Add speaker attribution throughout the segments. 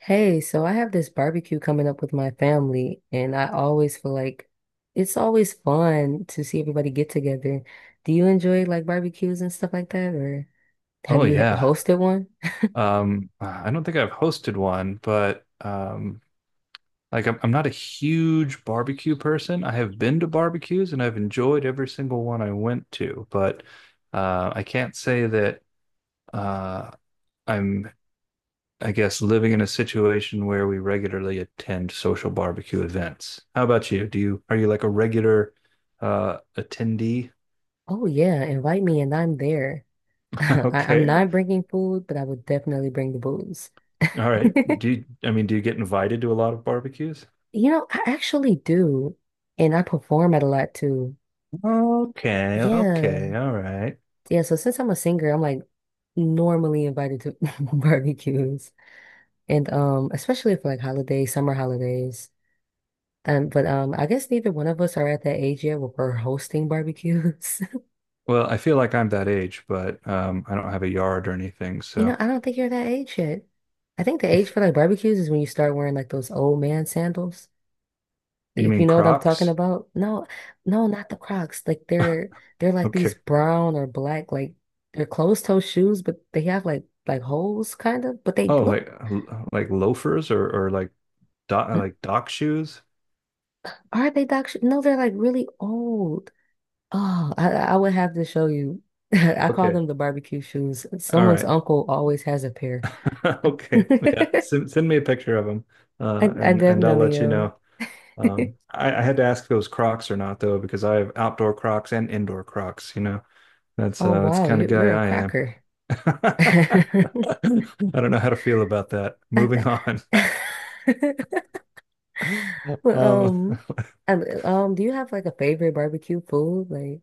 Speaker 1: Hey, so I have this barbecue coming up with my family, and I always feel like it's always fun to see everybody get together. Do you enjoy like barbecues and stuff like that, or have
Speaker 2: Oh
Speaker 1: you
Speaker 2: yeah.
Speaker 1: hosted one?
Speaker 2: I don't think I've hosted one, but like I'm not a huge barbecue person. I have been to barbecues and I've enjoyed every single one I went to, but I can't say that uh, I'm, I guess, living in a situation where we regularly attend social barbecue events. How about you? Do you are you like a regular attendee?
Speaker 1: Oh yeah, invite me and I'm there. I'm
Speaker 2: Okay.
Speaker 1: not bringing food, but I would definitely bring the booze.
Speaker 2: All right. Do you, I mean, do you get invited to a lot of barbecues?
Speaker 1: I actually do, and I perform at a lot too.
Speaker 2: Okay,
Speaker 1: Yeah.
Speaker 2: okay, all right.
Speaker 1: Yeah, so since I'm a singer, I'm like normally invited to barbecues. And especially for like holidays, summer holidays. But I guess neither one of us are at that age yet where we're hosting barbecues.
Speaker 2: Well, I feel like I'm that age, but I don't have a yard or anything. So
Speaker 1: I don't think you're that age yet. I think the age for like barbecues is when you start wearing like those old man sandals.
Speaker 2: you
Speaker 1: If you
Speaker 2: mean
Speaker 1: know what I'm talking
Speaker 2: Crocs?
Speaker 1: about. No, no, not the Crocs. Like they're like these
Speaker 2: Okay.
Speaker 1: brown or black, like they're closed toe shoes, but they have like holes kind of, but they
Speaker 2: Oh,
Speaker 1: look
Speaker 2: like loafers or like dock shoes?
Speaker 1: Are they doc? No, they're like really old. Oh, I would have to show you. I call
Speaker 2: Okay.
Speaker 1: them the barbecue shoes.
Speaker 2: All
Speaker 1: Someone's
Speaker 2: right.
Speaker 1: uncle always has a pair.
Speaker 2: Okay. Yeah.
Speaker 1: I,
Speaker 2: Send me a picture of them,
Speaker 1: I
Speaker 2: and I'll
Speaker 1: definitely
Speaker 2: let you
Speaker 1: know.
Speaker 2: know. I had to ask if it was Crocs or not though, because I have outdoor Crocs and indoor Crocs.
Speaker 1: Oh
Speaker 2: That's the
Speaker 1: wow,
Speaker 2: kind of
Speaker 1: you
Speaker 2: guy
Speaker 1: you're a
Speaker 2: I am.
Speaker 1: cracker.
Speaker 2: I
Speaker 1: I-
Speaker 2: don't know how to feel about that.
Speaker 1: I-
Speaker 2: Moving on.
Speaker 1: Well,
Speaker 2: Um,
Speaker 1: I- do you have like a favorite barbecue food? Like,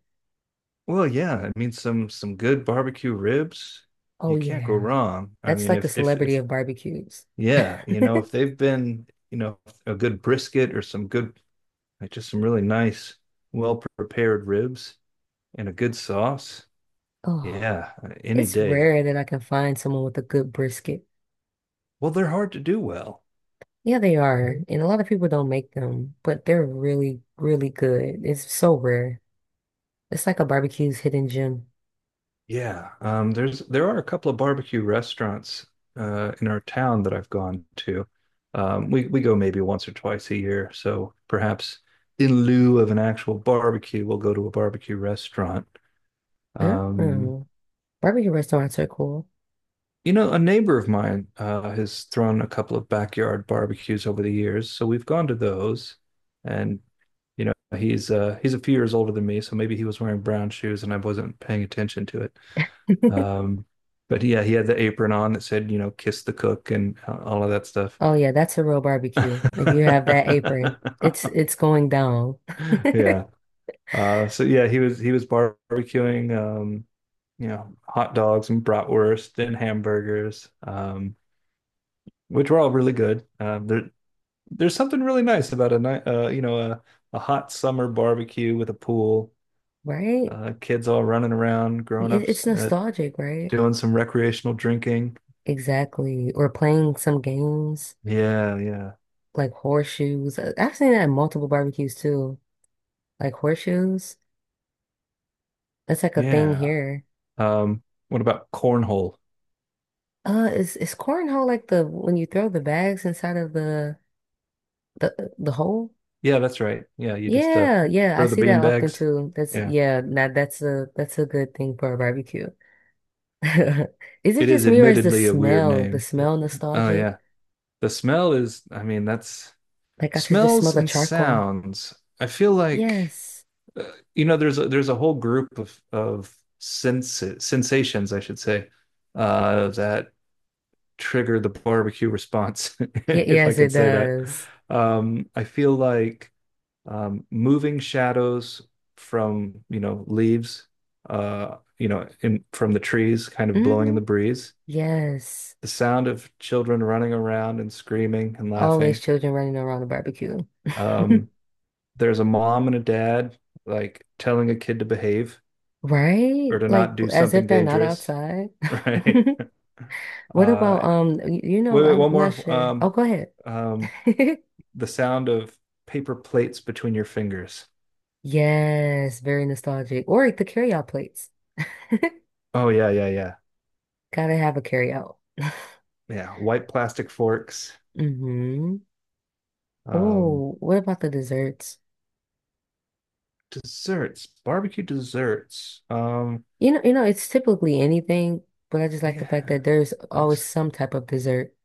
Speaker 2: well, yeah, I mean some good barbecue ribs.
Speaker 1: oh
Speaker 2: You can't go
Speaker 1: yeah,
Speaker 2: wrong. I
Speaker 1: that's
Speaker 2: mean,
Speaker 1: like the celebrity
Speaker 2: if
Speaker 1: of barbecues.
Speaker 2: yeah, you know, if they've been, you know, a good brisket or some good, like just some really nice, well prepared ribs and a good sauce.
Speaker 1: Oh,
Speaker 2: Yeah, any
Speaker 1: it's
Speaker 2: day.
Speaker 1: rare that I can find someone with a good brisket.
Speaker 2: Well, they're hard to do well.
Speaker 1: Yeah, they are. And a lot of people don't make them, but they're really, really good. It's so rare. It's like a barbecue's hidden gem.
Speaker 2: Yeah, there's there are a couple of barbecue restaurants in our town that I've gone to. We go maybe once or twice a year, so perhaps in lieu of an actual barbecue, we'll go to a barbecue restaurant.
Speaker 1: I don't
Speaker 2: Um,
Speaker 1: know. Barbecue restaurants are cool.
Speaker 2: you know, a neighbor of mine has thrown a couple of backyard barbecues over the years, so we've gone to those. And you know, he's a few years older than me, so maybe he was wearing brown shoes and I wasn't paying attention to it. Um, but yeah, he had the apron on that said, you know, kiss the cook and all of that stuff.
Speaker 1: Oh yeah, that's a real barbecue. If you have that apron, it's it's going down.
Speaker 2: yeah. So yeah, he was barbecuing, you know, hot dogs and bratwurst and hamburgers, which were all really good. There, there's something really nice about a night, you know, a hot summer barbecue with a pool,
Speaker 1: Right?
Speaker 2: kids all running around, grown
Speaker 1: It's
Speaker 2: ups
Speaker 1: nostalgic, right?
Speaker 2: doing some recreational drinking.
Speaker 1: Exactly. Or playing some games
Speaker 2: Yeah, yeah,
Speaker 1: like horseshoes. I've seen that at multiple barbecues too. Like horseshoes. That's like a thing
Speaker 2: yeah.
Speaker 1: here.
Speaker 2: Um, what about cornhole?
Speaker 1: Is cornhole like the when you throw the bags inside of the hole?
Speaker 2: Yeah, that's right. Yeah, you just
Speaker 1: Yeah, yeah, I
Speaker 2: throw the
Speaker 1: see
Speaker 2: bean
Speaker 1: that often
Speaker 2: bags.
Speaker 1: too. That's,
Speaker 2: Yeah,
Speaker 1: yeah, now that's a good thing for a barbecue. Is it
Speaker 2: it is
Speaker 1: just me or is the
Speaker 2: admittedly a weird
Speaker 1: smell the
Speaker 2: name. But-
Speaker 1: smell
Speaker 2: oh
Speaker 1: nostalgic?
Speaker 2: yeah, the smell is. I mean, that's
Speaker 1: Like I could just smell
Speaker 2: smells
Speaker 1: the
Speaker 2: and
Speaker 1: charcoal.
Speaker 2: sounds. I feel like
Speaker 1: Yes.
Speaker 2: uh, you know, there's there's a whole group of sense sensations, I should say, that trigger the barbecue response,
Speaker 1: Yeah,
Speaker 2: if I
Speaker 1: yes, it
Speaker 2: can say that.
Speaker 1: does.
Speaker 2: I feel like moving shadows from, you know, leaves, you know, in, from the trees, kind of blowing in
Speaker 1: Hmm.
Speaker 2: the breeze,
Speaker 1: Yes.
Speaker 2: the sound of children running around and screaming and
Speaker 1: Always
Speaker 2: laughing.
Speaker 1: children running around the barbecue.
Speaker 2: Um, there's a mom and a dad like telling a kid to behave
Speaker 1: Right?
Speaker 2: or to
Speaker 1: Like
Speaker 2: not do
Speaker 1: as if
Speaker 2: something
Speaker 1: they're not
Speaker 2: dangerous,
Speaker 1: outside.
Speaker 2: right?
Speaker 1: What
Speaker 2: Uh,
Speaker 1: about
Speaker 2: wait,
Speaker 1: I'm
Speaker 2: one
Speaker 1: I'm not
Speaker 2: more.
Speaker 1: sure. Oh, go ahead.
Speaker 2: Um, the sound of paper plates between your fingers.
Speaker 1: Yes, very nostalgic. Or the carryout plates.
Speaker 2: Oh yeah, yeah, yeah,
Speaker 1: Gotta have a carryout.
Speaker 2: yeah. White plastic forks.
Speaker 1: Mm-hmm.
Speaker 2: Um,
Speaker 1: Oh, what about the desserts?
Speaker 2: desserts, barbecue desserts.
Speaker 1: It's typically anything, but I just like the fact
Speaker 2: Yeah,
Speaker 1: that there's
Speaker 2: like
Speaker 1: always some type of dessert.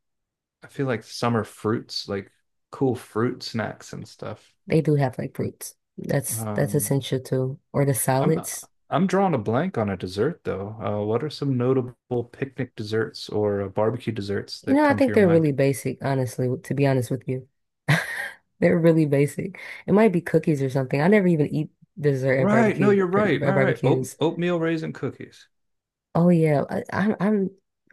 Speaker 2: I feel like summer fruits, like cool fruit snacks and stuff.
Speaker 1: They do have like fruits. That's
Speaker 2: Um,
Speaker 1: essential too. Or the
Speaker 2: I'm
Speaker 1: salads.
Speaker 2: I'm drawing a blank on a dessert though. What are some notable picnic desserts or barbecue desserts that
Speaker 1: I
Speaker 2: come to
Speaker 1: think
Speaker 2: your
Speaker 1: they're
Speaker 2: mind?
Speaker 1: really basic, honestly, to be honest with you. They're really basic. It might be cookies or something. I never even eat dessert
Speaker 2: Right, no, you're
Speaker 1: at
Speaker 2: right. Right, right.
Speaker 1: barbecues.
Speaker 2: Oatmeal raisin cookies.
Speaker 1: Oh yeah, I'm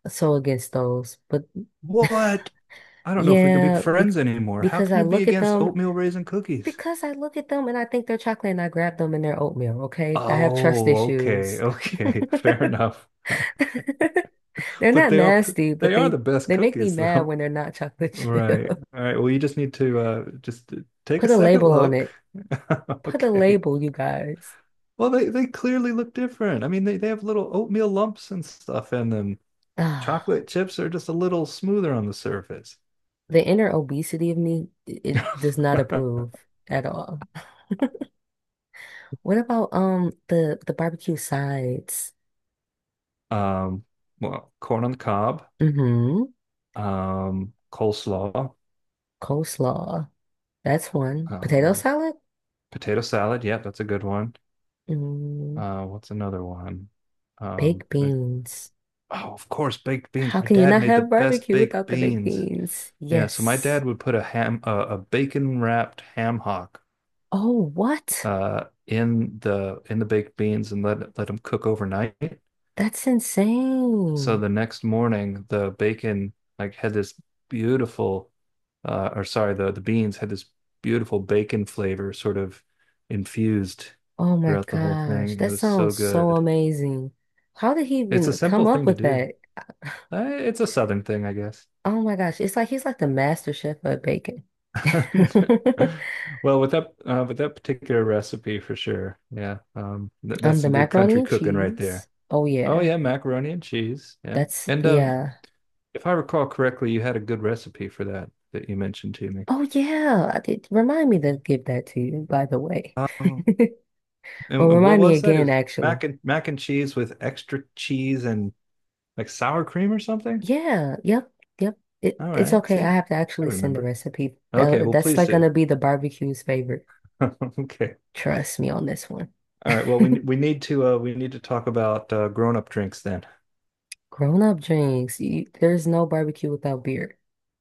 Speaker 1: so against those. But
Speaker 2: What? I don't know if we can be
Speaker 1: yeah,
Speaker 2: friends anymore. How
Speaker 1: because
Speaker 2: can
Speaker 1: I
Speaker 2: you be
Speaker 1: look at
Speaker 2: against
Speaker 1: them,
Speaker 2: oatmeal raisin cookies?
Speaker 1: because I look at them and I think they're chocolate and I grab them and they're oatmeal, okay? I have trust
Speaker 2: Oh, okay,
Speaker 1: issues.
Speaker 2: okay, fair enough.
Speaker 1: They're
Speaker 2: But
Speaker 1: not
Speaker 2: they are pr-
Speaker 1: nasty, but
Speaker 2: they are
Speaker 1: they
Speaker 2: the best
Speaker 1: they make me
Speaker 2: cookies
Speaker 1: mad
Speaker 2: though.
Speaker 1: when they're not chocolate
Speaker 2: Right.
Speaker 1: chip.
Speaker 2: All right. Well, you just need to just take a
Speaker 1: Put a
Speaker 2: second
Speaker 1: label on
Speaker 2: look.
Speaker 1: it. Put a
Speaker 2: Okay.
Speaker 1: label, you guys.
Speaker 2: Well, they clearly look different. I mean, they have little oatmeal lumps and stuff in them.
Speaker 1: Ah,
Speaker 2: Chocolate chips are just a little smoother on the surface.
Speaker 1: the inner obesity of me, it does not approve at all. What about the barbecue sides?
Speaker 2: Um, well, corn on the cob,
Speaker 1: Mm-hmm.
Speaker 2: coleslaw,
Speaker 1: Coleslaw. That's one. Potato
Speaker 2: um,
Speaker 1: salad?
Speaker 2: potato salad. Yeah, that's a good one.
Speaker 1: Mm,
Speaker 2: What's another one? Um,
Speaker 1: Baked beans.
Speaker 2: Oh, of course, baked beans.
Speaker 1: How
Speaker 2: My
Speaker 1: can you
Speaker 2: dad
Speaker 1: not
Speaker 2: made the
Speaker 1: have
Speaker 2: best
Speaker 1: barbecue
Speaker 2: baked
Speaker 1: without the baked
Speaker 2: beans.
Speaker 1: beans?
Speaker 2: Yeah, so my
Speaker 1: Yes.
Speaker 2: dad would put a ham, a bacon wrapped ham hock,
Speaker 1: Oh, what?
Speaker 2: in the baked beans and let let them cook overnight.
Speaker 1: That's
Speaker 2: So
Speaker 1: insane.
Speaker 2: the next morning, the bacon like had this beautiful, or sorry, the beans had this beautiful bacon flavor sort of infused
Speaker 1: Oh my
Speaker 2: throughout the whole
Speaker 1: gosh,
Speaker 2: thing. It
Speaker 1: that
Speaker 2: was so
Speaker 1: sounds so
Speaker 2: good.
Speaker 1: amazing. How did he
Speaker 2: It's a
Speaker 1: even come
Speaker 2: simple
Speaker 1: up
Speaker 2: thing to
Speaker 1: with
Speaker 2: do.
Speaker 1: that?
Speaker 2: It's a southern thing, I guess.
Speaker 1: Oh my gosh, it's like he's like the master chef of bacon.
Speaker 2: Well, with that particular recipe for sure. Yeah. Th that's
Speaker 1: The
Speaker 2: some good
Speaker 1: macaroni
Speaker 2: country
Speaker 1: and
Speaker 2: cooking right
Speaker 1: cheese.
Speaker 2: there.
Speaker 1: Oh
Speaker 2: Oh
Speaker 1: yeah,
Speaker 2: yeah, macaroni and cheese. Yeah.
Speaker 1: that's
Speaker 2: And
Speaker 1: yeah.
Speaker 2: if I recall correctly, you had a good recipe for that that you mentioned to me.
Speaker 1: Oh yeah, I did, remind me to give that to you, by the way.
Speaker 2: Um
Speaker 1: Or
Speaker 2: and what
Speaker 1: remind me
Speaker 2: was that? It
Speaker 1: again,
Speaker 2: was
Speaker 1: actually.
Speaker 2: mac and mac and cheese with extra cheese and like sour cream or something?
Speaker 1: Yeah, yep, yep. It
Speaker 2: All
Speaker 1: it's
Speaker 2: right.
Speaker 1: okay. I
Speaker 2: See?
Speaker 1: have to
Speaker 2: I
Speaker 1: actually send the
Speaker 2: remember.
Speaker 1: recipe.
Speaker 2: Okay,
Speaker 1: That
Speaker 2: well
Speaker 1: that's
Speaker 2: please
Speaker 1: like
Speaker 2: do.
Speaker 1: gonna be the barbecue's favorite.
Speaker 2: Okay.
Speaker 1: Trust me on this one.
Speaker 2: All right. Well, we need to talk about grown-up drinks then.
Speaker 1: Grown up drinks. There's no barbecue without beer.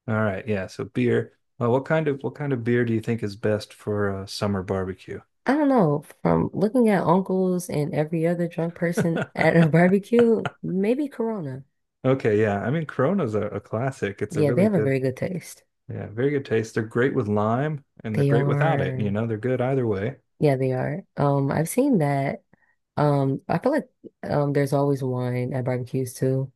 Speaker 2: All right, yeah. So beer. Well, what kind of beer do you think is best for a summer barbecue?
Speaker 1: I don't know, from looking at uncles and every other drunk person at a barbecue, maybe Corona.
Speaker 2: Okay, yeah. I mean, Corona's a classic. It's a
Speaker 1: Yeah, they
Speaker 2: really
Speaker 1: have a
Speaker 2: good,
Speaker 1: very good taste.
Speaker 2: yeah, very good taste. They're great with lime and they're
Speaker 1: They
Speaker 2: great without it. You
Speaker 1: are,
Speaker 2: know, they're good either way.
Speaker 1: yeah, they are. I've seen that. I feel like there's always wine at barbecues too.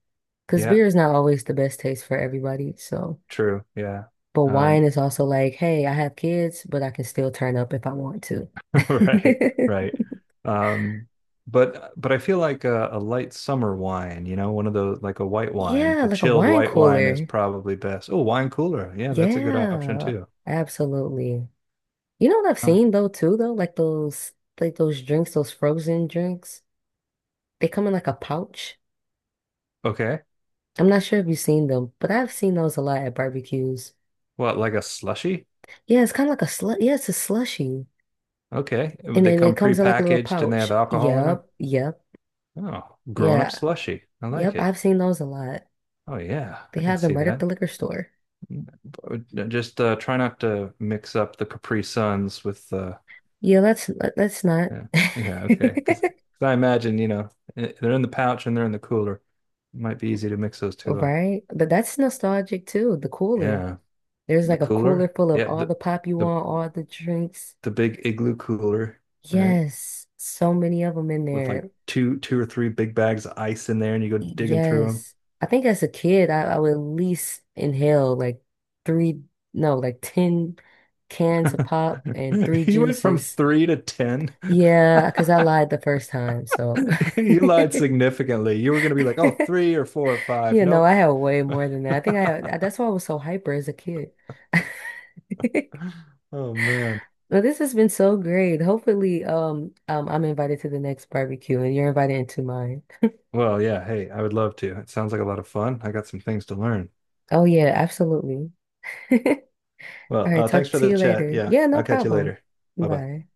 Speaker 1: Because
Speaker 2: Yeah,
Speaker 1: beer is not always the best taste for everybody, so
Speaker 2: true. Yeah.
Speaker 1: but wine
Speaker 2: Um,
Speaker 1: is also like, hey, I have kids, but I can still turn up if I want to.
Speaker 2: right, right. Um, but I feel like a light summer wine, you know, one of those like a white wine,
Speaker 1: Yeah,
Speaker 2: a
Speaker 1: like a
Speaker 2: chilled
Speaker 1: wine
Speaker 2: white wine is
Speaker 1: cooler.
Speaker 2: probably best. Oh, wine cooler. Yeah, that's a good option
Speaker 1: Yeah,
Speaker 2: too.
Speaker 1: absolutely. You know what I've
Speaker 2: Huh.
Speaker 1: seen though too though? Like those drinks, those frozen drinks. They come in like a pouch.
Speaker 2: Okay.
Speaker 1: I'm not sure if you've seen them, but I've seen those a lot at barbecues.
Speaker 2: What, like a slushy?
Speaker 1: Yeah, it's kind of like a slu yeah, it's a slushy.
Speaker 2: Okay. Would
Speaker 1: And
Speaker 2: they
Speaker 1: then it
Speaker 2: come
Speaker 1: comes in like a little
Speaker 2: pre-packaged and they
Speaker 1: pouch.
Speaker 2: have alcohol in them?
Speaker 1: Yep, yep,
Speaker 2: Oh, grown-up
Speaker 1: yeah,
Speaker 2: slushy. I
Speaker 1: yep.
Speaker 2: like it.
Speaker 1: I've seen those a lot.
Speaker 2: Oh yeah,
Speaker 1: They
Speaker 2: I can
Speaker 1: have them
Speaker 2: see
Speaker 1: right at the
Speaker 2: that.
Speaker 1: liquor store.
Speaker 2: Mm, but just try not to mix up the Capri Suns with
Speaker 1: Yeah, that's not
Speaker 2: yeah. Yeah, okay. Because I imagine, you know, eh, they're in the pouch and they're in the cooler. It might be easy to mix those two up.
Speaker 1: right. But that's nostalgic too, the cooler.
Speaker 2: Yeah.
Speaker 1: There's
Speaker 2: The
Speaker 1: like a cooler
Speaker 2: cooler?
Speaker 1: full of
Speaker 2: Yeah,
Speaker 1: all the pop you
Speaker 2: the
Speaker 1: want, all the drinks.
Speaker 2: the big igloo cooler, right?
Speaker 1: Yes, so many of them in
Speaker 2: With like
Speaker 1: there.
Speaker 2: two or three big bags of ice in there and you go digging through them.
Speaker 1: Yes. I think as a kid, I would at least inhale like three, no, like 10 cans of pop and three
Speaker 2: You went from
Speaker 1: juices.
Speaker 2: three to 10.
Speaker 1: Yeah, because I lied the first time. So,
Speaker 2: You lied significantly. You were going to be like, oh, three or four or five. Nope.
Speaker 1: I had way more than that. I think I had, that's why I was so hyper as a kid.
Speaker 2: Oh, man.
Speaker 1: Well, this has been so great. Hopefully, I'm invited to the next barbecue and you're invited into mine.
Speaker 2: Well, yeah. Hey, I would love to. It sounds like a lot of fun. I got some things to learn.
Speaker 1: Oh, yeah, absolutely. All
Speaker 2: Well,
Speaker 1: right,
Speaker 2: thanks
Speaker 1: talk
Speaker 2: for
Speaker 1: to
Speaker 2: the
Speaker 1: you
Speaker 2: chat.
Speaker 1: later.
Speaker 2: Yeah,
Speaker 1: Yeah, no
Speaker 2: I'll catch you
Speaker 1: problem.
Speaker 2: later. Bye bye.
Speaker 1: Bye.